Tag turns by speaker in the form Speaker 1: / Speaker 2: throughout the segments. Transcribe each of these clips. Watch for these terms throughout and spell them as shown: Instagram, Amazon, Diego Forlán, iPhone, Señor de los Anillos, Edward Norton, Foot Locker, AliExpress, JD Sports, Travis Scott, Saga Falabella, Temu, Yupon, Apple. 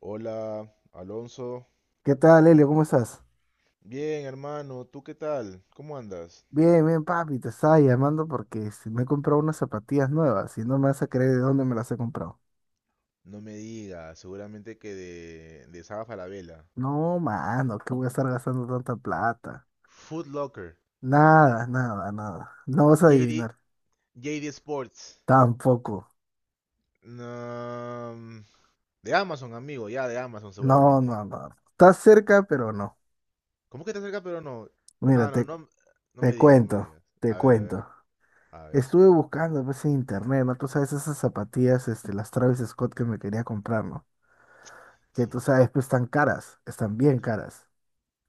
Speaker 1: Hola, Alonso.
Speaker 2: ¿Qué tal, Elio? ¿Cómo estás?
Speaker 1: Bien, hermano, ¿tú qué tal? ¿Cómo andas?
Speaker 2: Bien, bien, papi, te estaba llamando porque me he comprado unas zapatillas nuevas y no me vas a creer de dónde me las he comprado.
Speaker 1: No me digas, seguramente que de Saga Falabella.
Speaker 2: No, mano, ¿qué voy a estar gastando tanta plata?
Speaker 1: Foot Locker.
Speaker 2: Nada, nada, nada. No vas a
Speaker 1: JD,
Speaker 2: adivinar.
Speaker 1: JD Sports.
Speaker 2: Tampoco.
Speaker 1: No, de Amazon, amigo, ya de Amazon
Speaker 2: No,
Speaker 1: seguramente.
Speaker 2: no, no. Estás cerca, pero no.
Speaker 1: ¿Cómo que te acerca pero no?
Speaker 2: Mira,
Speaker 1: Mano,
Speaker 2: te,
Speaker 1: no, no me
Speaker 2: te
Speaker 1: digas, no me
Speaker 2: cuento,
Speaker 1: digas.
Speaker 2: te
Speaker 1: A ver, a ver,
Speaker 2: cuento.
Speaker 1: a ver,
Speaker 2: Estuve buscando pues, en internet, ¿no? Tú sabes esas zapatillas, las Travis Scott que me quería comprar, ¿no? Que
Speaker 1: sí.
Speaker 2: tú sabes, pues están caras, están bien caras.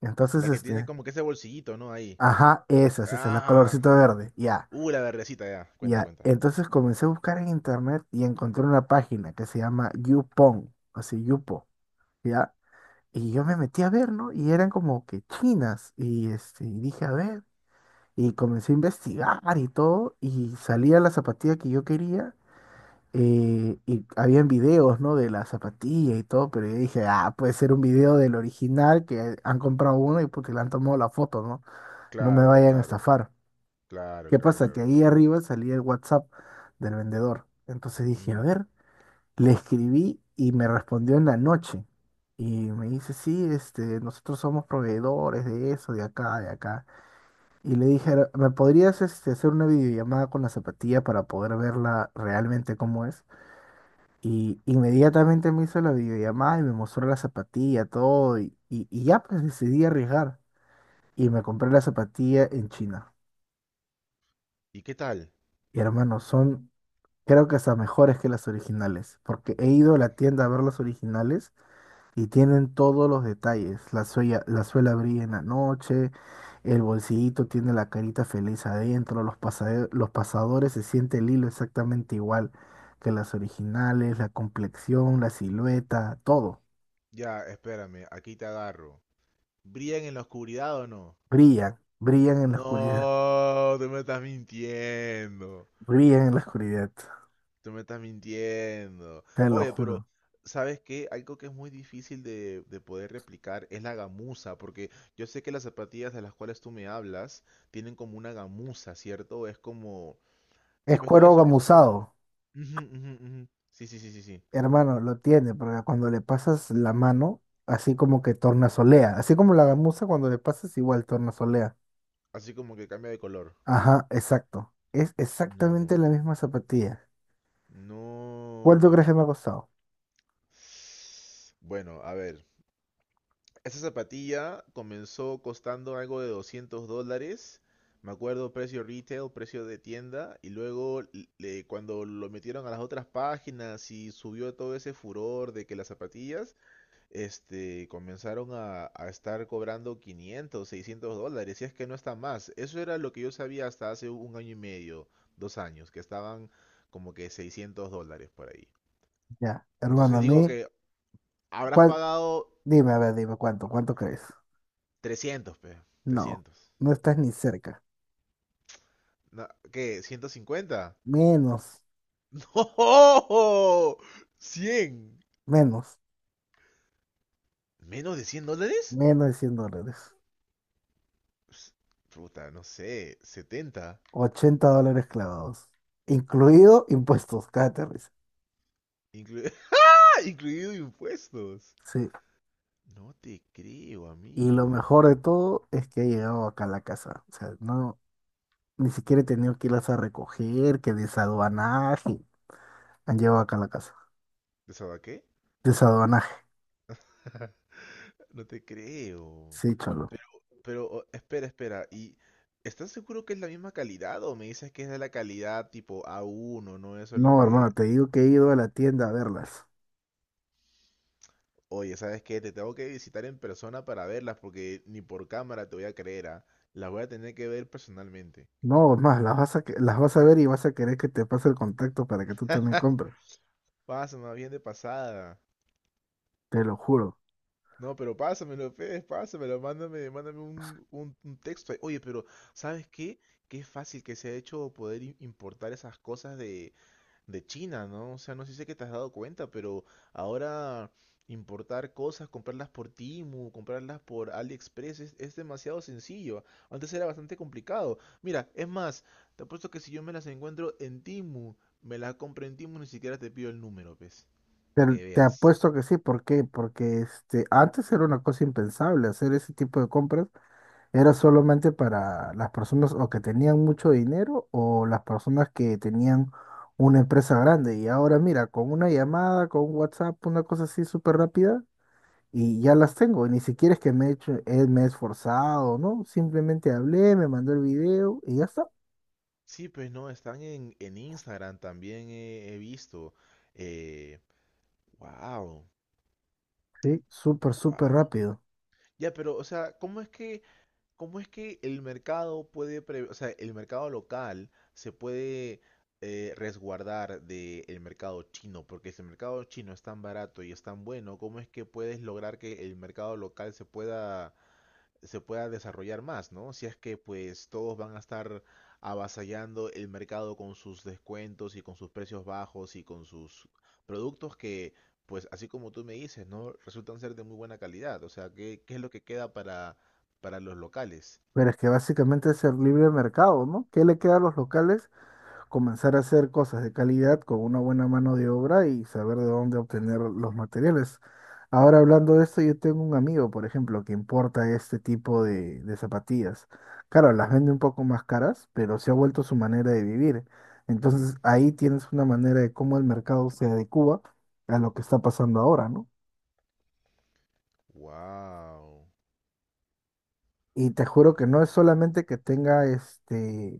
Speaker 2: Entonces,
Speaker 1: La que tiene
Speaker 2: este,
Speaker 1: como que ese bolsillito, ¿no? Ahí.
Speaker 2: Ajá, esa, la
Speaker 1: Ah,
Speaker 2: colorcito verde. Ya,
Speaker 1: la verdecita ya. Cuenta,
Speaker 2: ya.
Speaker 1: cuenta.
Speaker 2: Entonces comencé a buscar en internet y encontré una página que se llama Yupon, así Yupo, ya. Y yo me metí a ver, ¿no? Y eran como que chinas. Y dije, a ver. Y comencé a investigar y todo. Y salía la zapatilla que yo quería. Y habían videos, ¿no? De la zapatilla y todo. Pero yo dije, ah, puede ser un video del original que han comprado uno y porque le han tomado la foto, ¿no? No me
Speaker 1: Claro,
Speaker 2: vayan a
Speaker 1: claro,
Speaker 2: estafar.
Speaker 1: claro, claro,
Speaker 2: ¿Qué pasa? Que
Speaker 1: claro, claro.
Speaker 2: ahí arriba salía el WhatsApp del vendedor. Entonces dije, a
Speaker 1: Ujú.
Speaker 2: ver, le escribí y me respondió en la noche. Y me dice, sí, nosotros somos proveedores de eso, de acá, de acá. Y le dije, ¿me podrías hacer una videollamada con la zapatilla para poder verla realmente cómo es? Y inmediatamente me hizo la videollamada y me mostró la zapatilla, todo. Y ya pues decidí arriesgar. Y me compré la zapatilla en China.
Speaker 1: ¿Y qué tal?
Speaker 2: Y, hermano, son creo que hasta mejores que las originales, porque he ido a la tienda a ver las originales y tienen todos los detalles. La suela brilla en la noche, el bolsillito tiene la carita feliz adentro, los pasadores se siente el hilo exactamente igual que las originales, la complexión, la silueta, todo.
Speaker 1: Ya, espérame, aquí te agarro. ¿Brillan en la oscuridad o no?
Speaker 2: Brillan, brillan en la oscuridad,
Speaker 1: No, tú me estás mintiendo.
Speaker 2: brillan en la oscuridad,
Speaker 1: Tú me estás mintiendo.
Speaker 2: te lo
Speaker 1: Oye, pero
Speaker 2: juro.
Speaker 1: ¿sabes qué? Algo que es muy difícil de poder replicar es la gamuza, porque yo sé que las zapatillas de las cuales tú me hablas tienen como una gamuza, ¿cierto? Es como... Sí,
Speaker 2: Es
Speaker 1: pues no,
Speaker 2: cuero
Speaker 1: eso es como...
Speaker 2: gamuzado.
Speaker 1: Ujú, ujú, ujú. Sí, sí, sí, sí, sí.
Speaker 2: Hermano, lo tiene, porque cuando le pasas la mano, así como que tornasolea, así como la gamuza cuando le pasas igual tornasolea.
Speaker 1: Así como que cambia de color.
Speaker 2: Ajá, exacto. Es exactamente
Speaker 1: No,
Speaker 2: la misma zapatilla. ¿Cuánto
Speaker 1: no.
Speaker 2: crees que me ha costado?
Speaker 1: Bueno, a ver. Esta zapatilla comenzó costando algo de $200. Me acuerdo precio retail, precio de tienda. Y luego cuando lo metieron a las otras páginas y subió todo ese furor de que las zapatillas, comenzaron a estar cobrando 500, $600. Y es que no está más. Eso era lo que yo sabía hasta hace un año y medio, 2 años, que estaban como que $600 por ahí.
Speaker 2: Ya, hermano,
Speaker 1: Entonces
Speaker 2: a
Speaker 1: digo
Speaker 2: mí,
Speaker 1: que habrás
Speaker 2: ¿cuál?
Speaker 1: pagado
Speaker 2: Dime, a ver, dime, ¿cuánto? ¿Cuánto crees?
Speaker 1: trescientos, pe.
Speaker 2: No,
Speaker 1: 300.
Speaker 2: no estás ni cerca.
Speaker 1: No, ¿qué? ¿150?
Speaker 2: Menos,
Speaker 1: ¡No! 100.
Speaker 2: menos,
Speaker 1: ¿Menos de $100?
Speaker 2: menos de $100.
Speaker 1: Ps, puta, no sé. 70.
Speaker 2: $80 clavados. Incluido impuestos, cállate, risa.
Speaker 1: Inclu- ¡Ah! Incluido impuestos.
Speaker 2: Sí.
Speaker 1: No te creo,
Speaker 2: Y lo
Speaker 1: amigo.
Speaker 2: mejor de todo es que he llegado acá a la casa. O sea, no, ni siquiera he tenido que irlas a recoger, que desaduanaje. Han llegado acá a la casa.
Speaker 1: ¿De sabes qué?
Speaker 2: Desaduanaje.
Speaker 1: No te creo.
Speaker 2: Sí, cholo.
Speaker 1: Pero, espera, espera. ¿Y estás seguro que es la misma calidad o me dices que es de la calidad tipo A1, no? Eso es lo
Speaker 2: No,
Speaker 1: que,
Speaker 2: hermano, te digo que he ido a la tienda a verlas.
Speaker 1: Oye, ¿sabes qué? Te tengo que visitar en persona para verlas porque ni por cámara te voy a creer, ¿ah? Las voy a tener que ver personalmente.
Speaker 2: No, es más, las vas a, que- las vas a ver y vas a querer que te pase el contacto para que tú también compres.
Speaker 1: Pásame bien de pasada.
Speaker 2: Te lo juro.
Speaker 1: No, pero pásamelo, Fede, pásamelo, mándame un texto ahí. Oye, pero ¿sabes qué? Qué fácil que se ha hecho poder importar esas cosas de China, ¿no? O sea, no sé si sé que te has dado cuenta, pero ahora importar cosas, comprarlas por Temu, comprarlas por AliExpress es demasiado sencillo. Antes era bastante complicado. Mira, es más, te apuesto que si yo me las encuentro en Temu, me las compro en Temu, ni siquiera te pido el número, pues,
Speaker 2: Te,
Speaker 1: para que
Speaker 2: te
Speaker 1: veas.
Speaker 2: apuesto que sí. ¿Por qué? Porque antes era una cosa impensable hacer ese tipo de compras. Era solamente para las personas o que tenían mucho dinero o las personas que tenían una empresa grande. Y ahora mira, con una llamada, con un WhatsApp, una cosa así súper rápida, y ya las tengo. Y ni siquiera es que me he hecho, me he esforzado, ¿no? Simplemente hablé, me mandó el video y ya está.
Speaker 1: Sí, pues no, están en Instagram también he visto. Eh, wow,
Speaker 2: Sí, súper, súper
Speaker 1: wow.
Speaker 2: rápido.
Speaker 1: Ya, pero, o sea, ¿Cómo es que el mercado puede, o sea, el mercado local se puede resguardar del mercado chino? Porque si el mercado chino es tan barato y es tan bueno, ¿cómo es que puedes lograr que el mercado local se pueda desarrollar más, ¿no? Si es que pues todos van a estar avasallando el mercado con sus descuentos y con sus precios bajos y con sus productos que, pues así como tú me dices, ¿no? Resultan ser de muy buena calidad. O sea, ¿qué es lo que queda para los locales?
Speaker 2: Pero es que básicamente es el libre mercado, ¿no? ¿Qué le queda a los locales? Comenzar a hacer cosas de calidad con una buena mano de obra y saber de dónde obtener los materiales. Ahora hablando de esto, yo tengo un amigo, por ejemplo, que importa este tipo de zapatillas. Claro, las vende un poco más caras, pero se ha vuelto su manera de vivir. Entonces ahí tienes una manera de cómo el mercado se adecua a lo que está pasando ahora, ¿no?
Speaker 1: Wow.
Speaker 2: Y te juro que no es solamente que tenga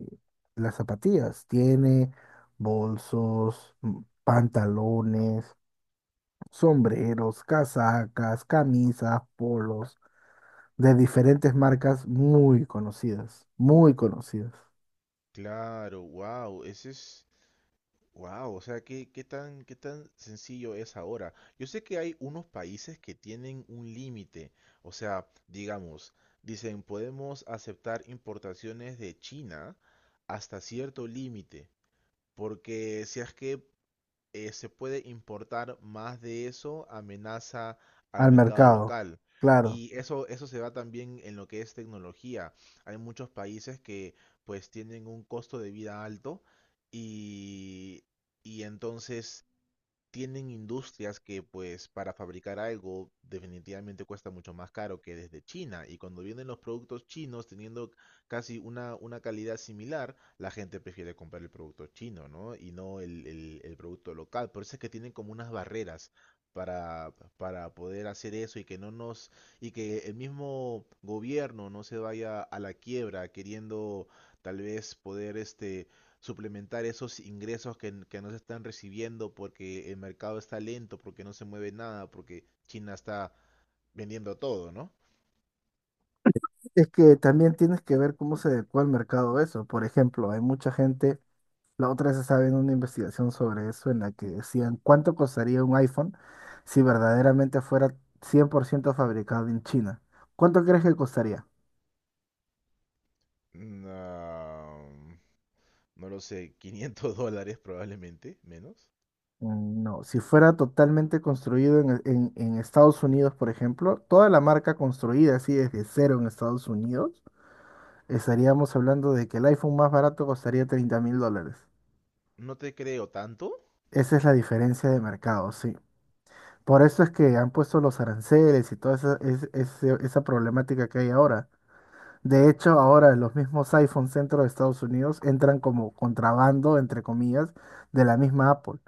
Speaker 2: las zapatillas, tiene bolsos, pantalones, sombreros, casacas, camisas, polos de diferentes marcas muy conocidas
Speaker 1: Claro, wow. Ese es. Wow. O sea, ¿qué tan sencillo es ahora? Yo sé que hay unos países que tienen un límite. O sea, digamos, dicen, podemos aceptar importaciones de China hasta cierto límite. Porque si es que se puede importar más de eso, amenaza al
Speaker 2: al
Speaker 1: mercado
Speaker 2: mercado.
Speaker 1: local.
Speaker 2: Claro,
Speaker 1: Y eso se da también en lo que es tecnología. Hay muchos países que pues tienen un costo de vida alto y, y entonces tienen industrias que pues para fabricar algo definitivamente cuesta mucho más caro que desde China y cuando vienen los productos chinos teniendo casi una calidad similar, la gente prefiere comprar el producto chino, ¿no? Y no el producto local. Por eso es que tienen como unas barreras para poder hacer eso y que no nos, y que el mismo gobierno no se vaya a la quiebra queriendo tal vez poder suplementar esos ingresos que no se están recibiendo porque el mercado está lento, porque no se mueve nada, porque China está vendiendo todo, ¿no?
Speaker 2: es que también tienes que ver cómo se adecua al mercado eso. Por ejemplo, hay mucha gente, la otra vez estaba viendo una investigación sobre eso en la que decían cuánto costaría un iPhone si verdaderamente fuera 100% fabricado en China. ¿Cuánto crees que costaría?
Speaker 1: No, no lo sé, 500 dólares probablemente, menos.
Speaker 2: No, si fuera totalmente construido en, en Estados Unidos, por ejemplo, toda la marca construida así desde cero en Estados Unidos, estaríamos hablando de que el iPhone más barato costaría 30 mil dólares.
Speaker 1: No te creo tanto.
Speaker 2: Esa es la diferencia de mercado, sí. Por eso es que han puesto los aranceles y toda esa problemática que hay ahora. De hecho, ahora los mismos iPhones dentro de Estados Unidos entran como contrabando, entre comillas, de la misma Apple,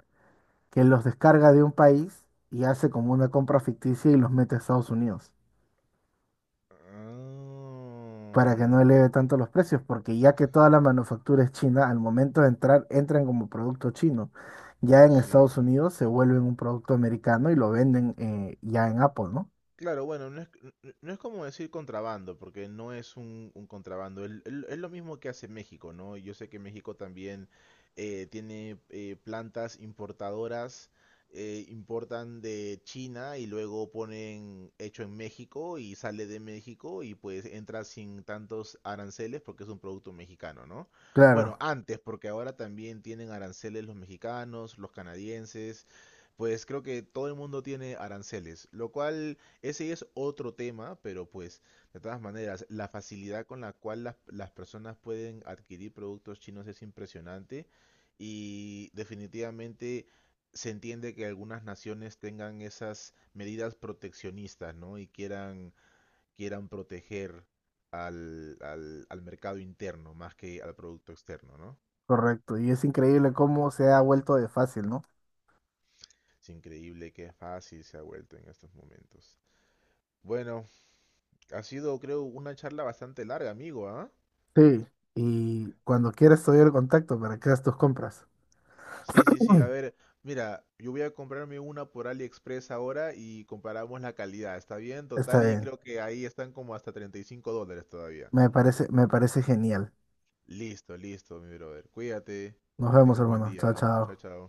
Speaker 2: que los descarga de un país y hace como una compra ficticia y los mete a Estados Unidos para que no
Speaker 1: Ah,
Speaker 2: eleve tanto los precios, porque ya que toda la manufactura es china, al momento de entrar, entran como producto chino. Ya en
Speaker 1: sí.
Speaker 2: Estados Unidos se vuelven un producto americano y lo venden ya en Apple, ¿no?
Speaker 1: Claro, bueno, no es como decir contrabando, porque no es un contrabando. Es lo mismo que hace México, ¿no? Yo sé que México también tiene plantas importadoras, importan de China y luego ponen hecho en México y sale de México y pues entra sin tantos aranceles porque es un producto mexicano, ¿no? Bueno,
Speaker 2: Claro,
Speaker 1: antes, porque ahora también tienen aranceles los mexicanos, los canadienses. Pues creo que todo el mundo tiene aranceles, lo cual ese es otro tema, pero pues de todas maneras, la facilidad con la cual las personas pueden adquirir productos chinos es impresionante y definitivamente se entiende que algunas naciones tengan esas medidas proteccionistas, ¿no? Y quieran proteger al mercado interno más que al producto externo, ¿no?
Speaker 2: correcto. Y es increíble cómo se ha vuelto de fácil, ¿no?
Speaker 1: Es increíble qué fácil se ha vuelto en estos momentos. Bueno, ha sido creo una charla bastante larga, amigo, ¿ah?
Speaker 2: Sí. Y cuando quieras te doy el contacto para que hagas tus compras.
Speaker 1: Sí, sí, sí. A ver, mira, yo voy a comprarme una por AliExpress ahora y comparamos la calidad. ¿Está bien?
Speaker 2: Está
Speaker 1: Total, y
Speaker 2: bien.
Speaker 1: creo que ahí están como hasta $35 todavía.
Speaker 2: Me parece genial.
Speaker 1: Listo, listo, mi brother. Cuídate,
Speaker 2: Nos
Speaker 1: que
Speaker 2: vemos,
Speaker 1: tengas buen
Speaker 2: hermano. Chao,
Speaker 1: día. Chao,
Speaker 2: chao.
Speaker 1: chao.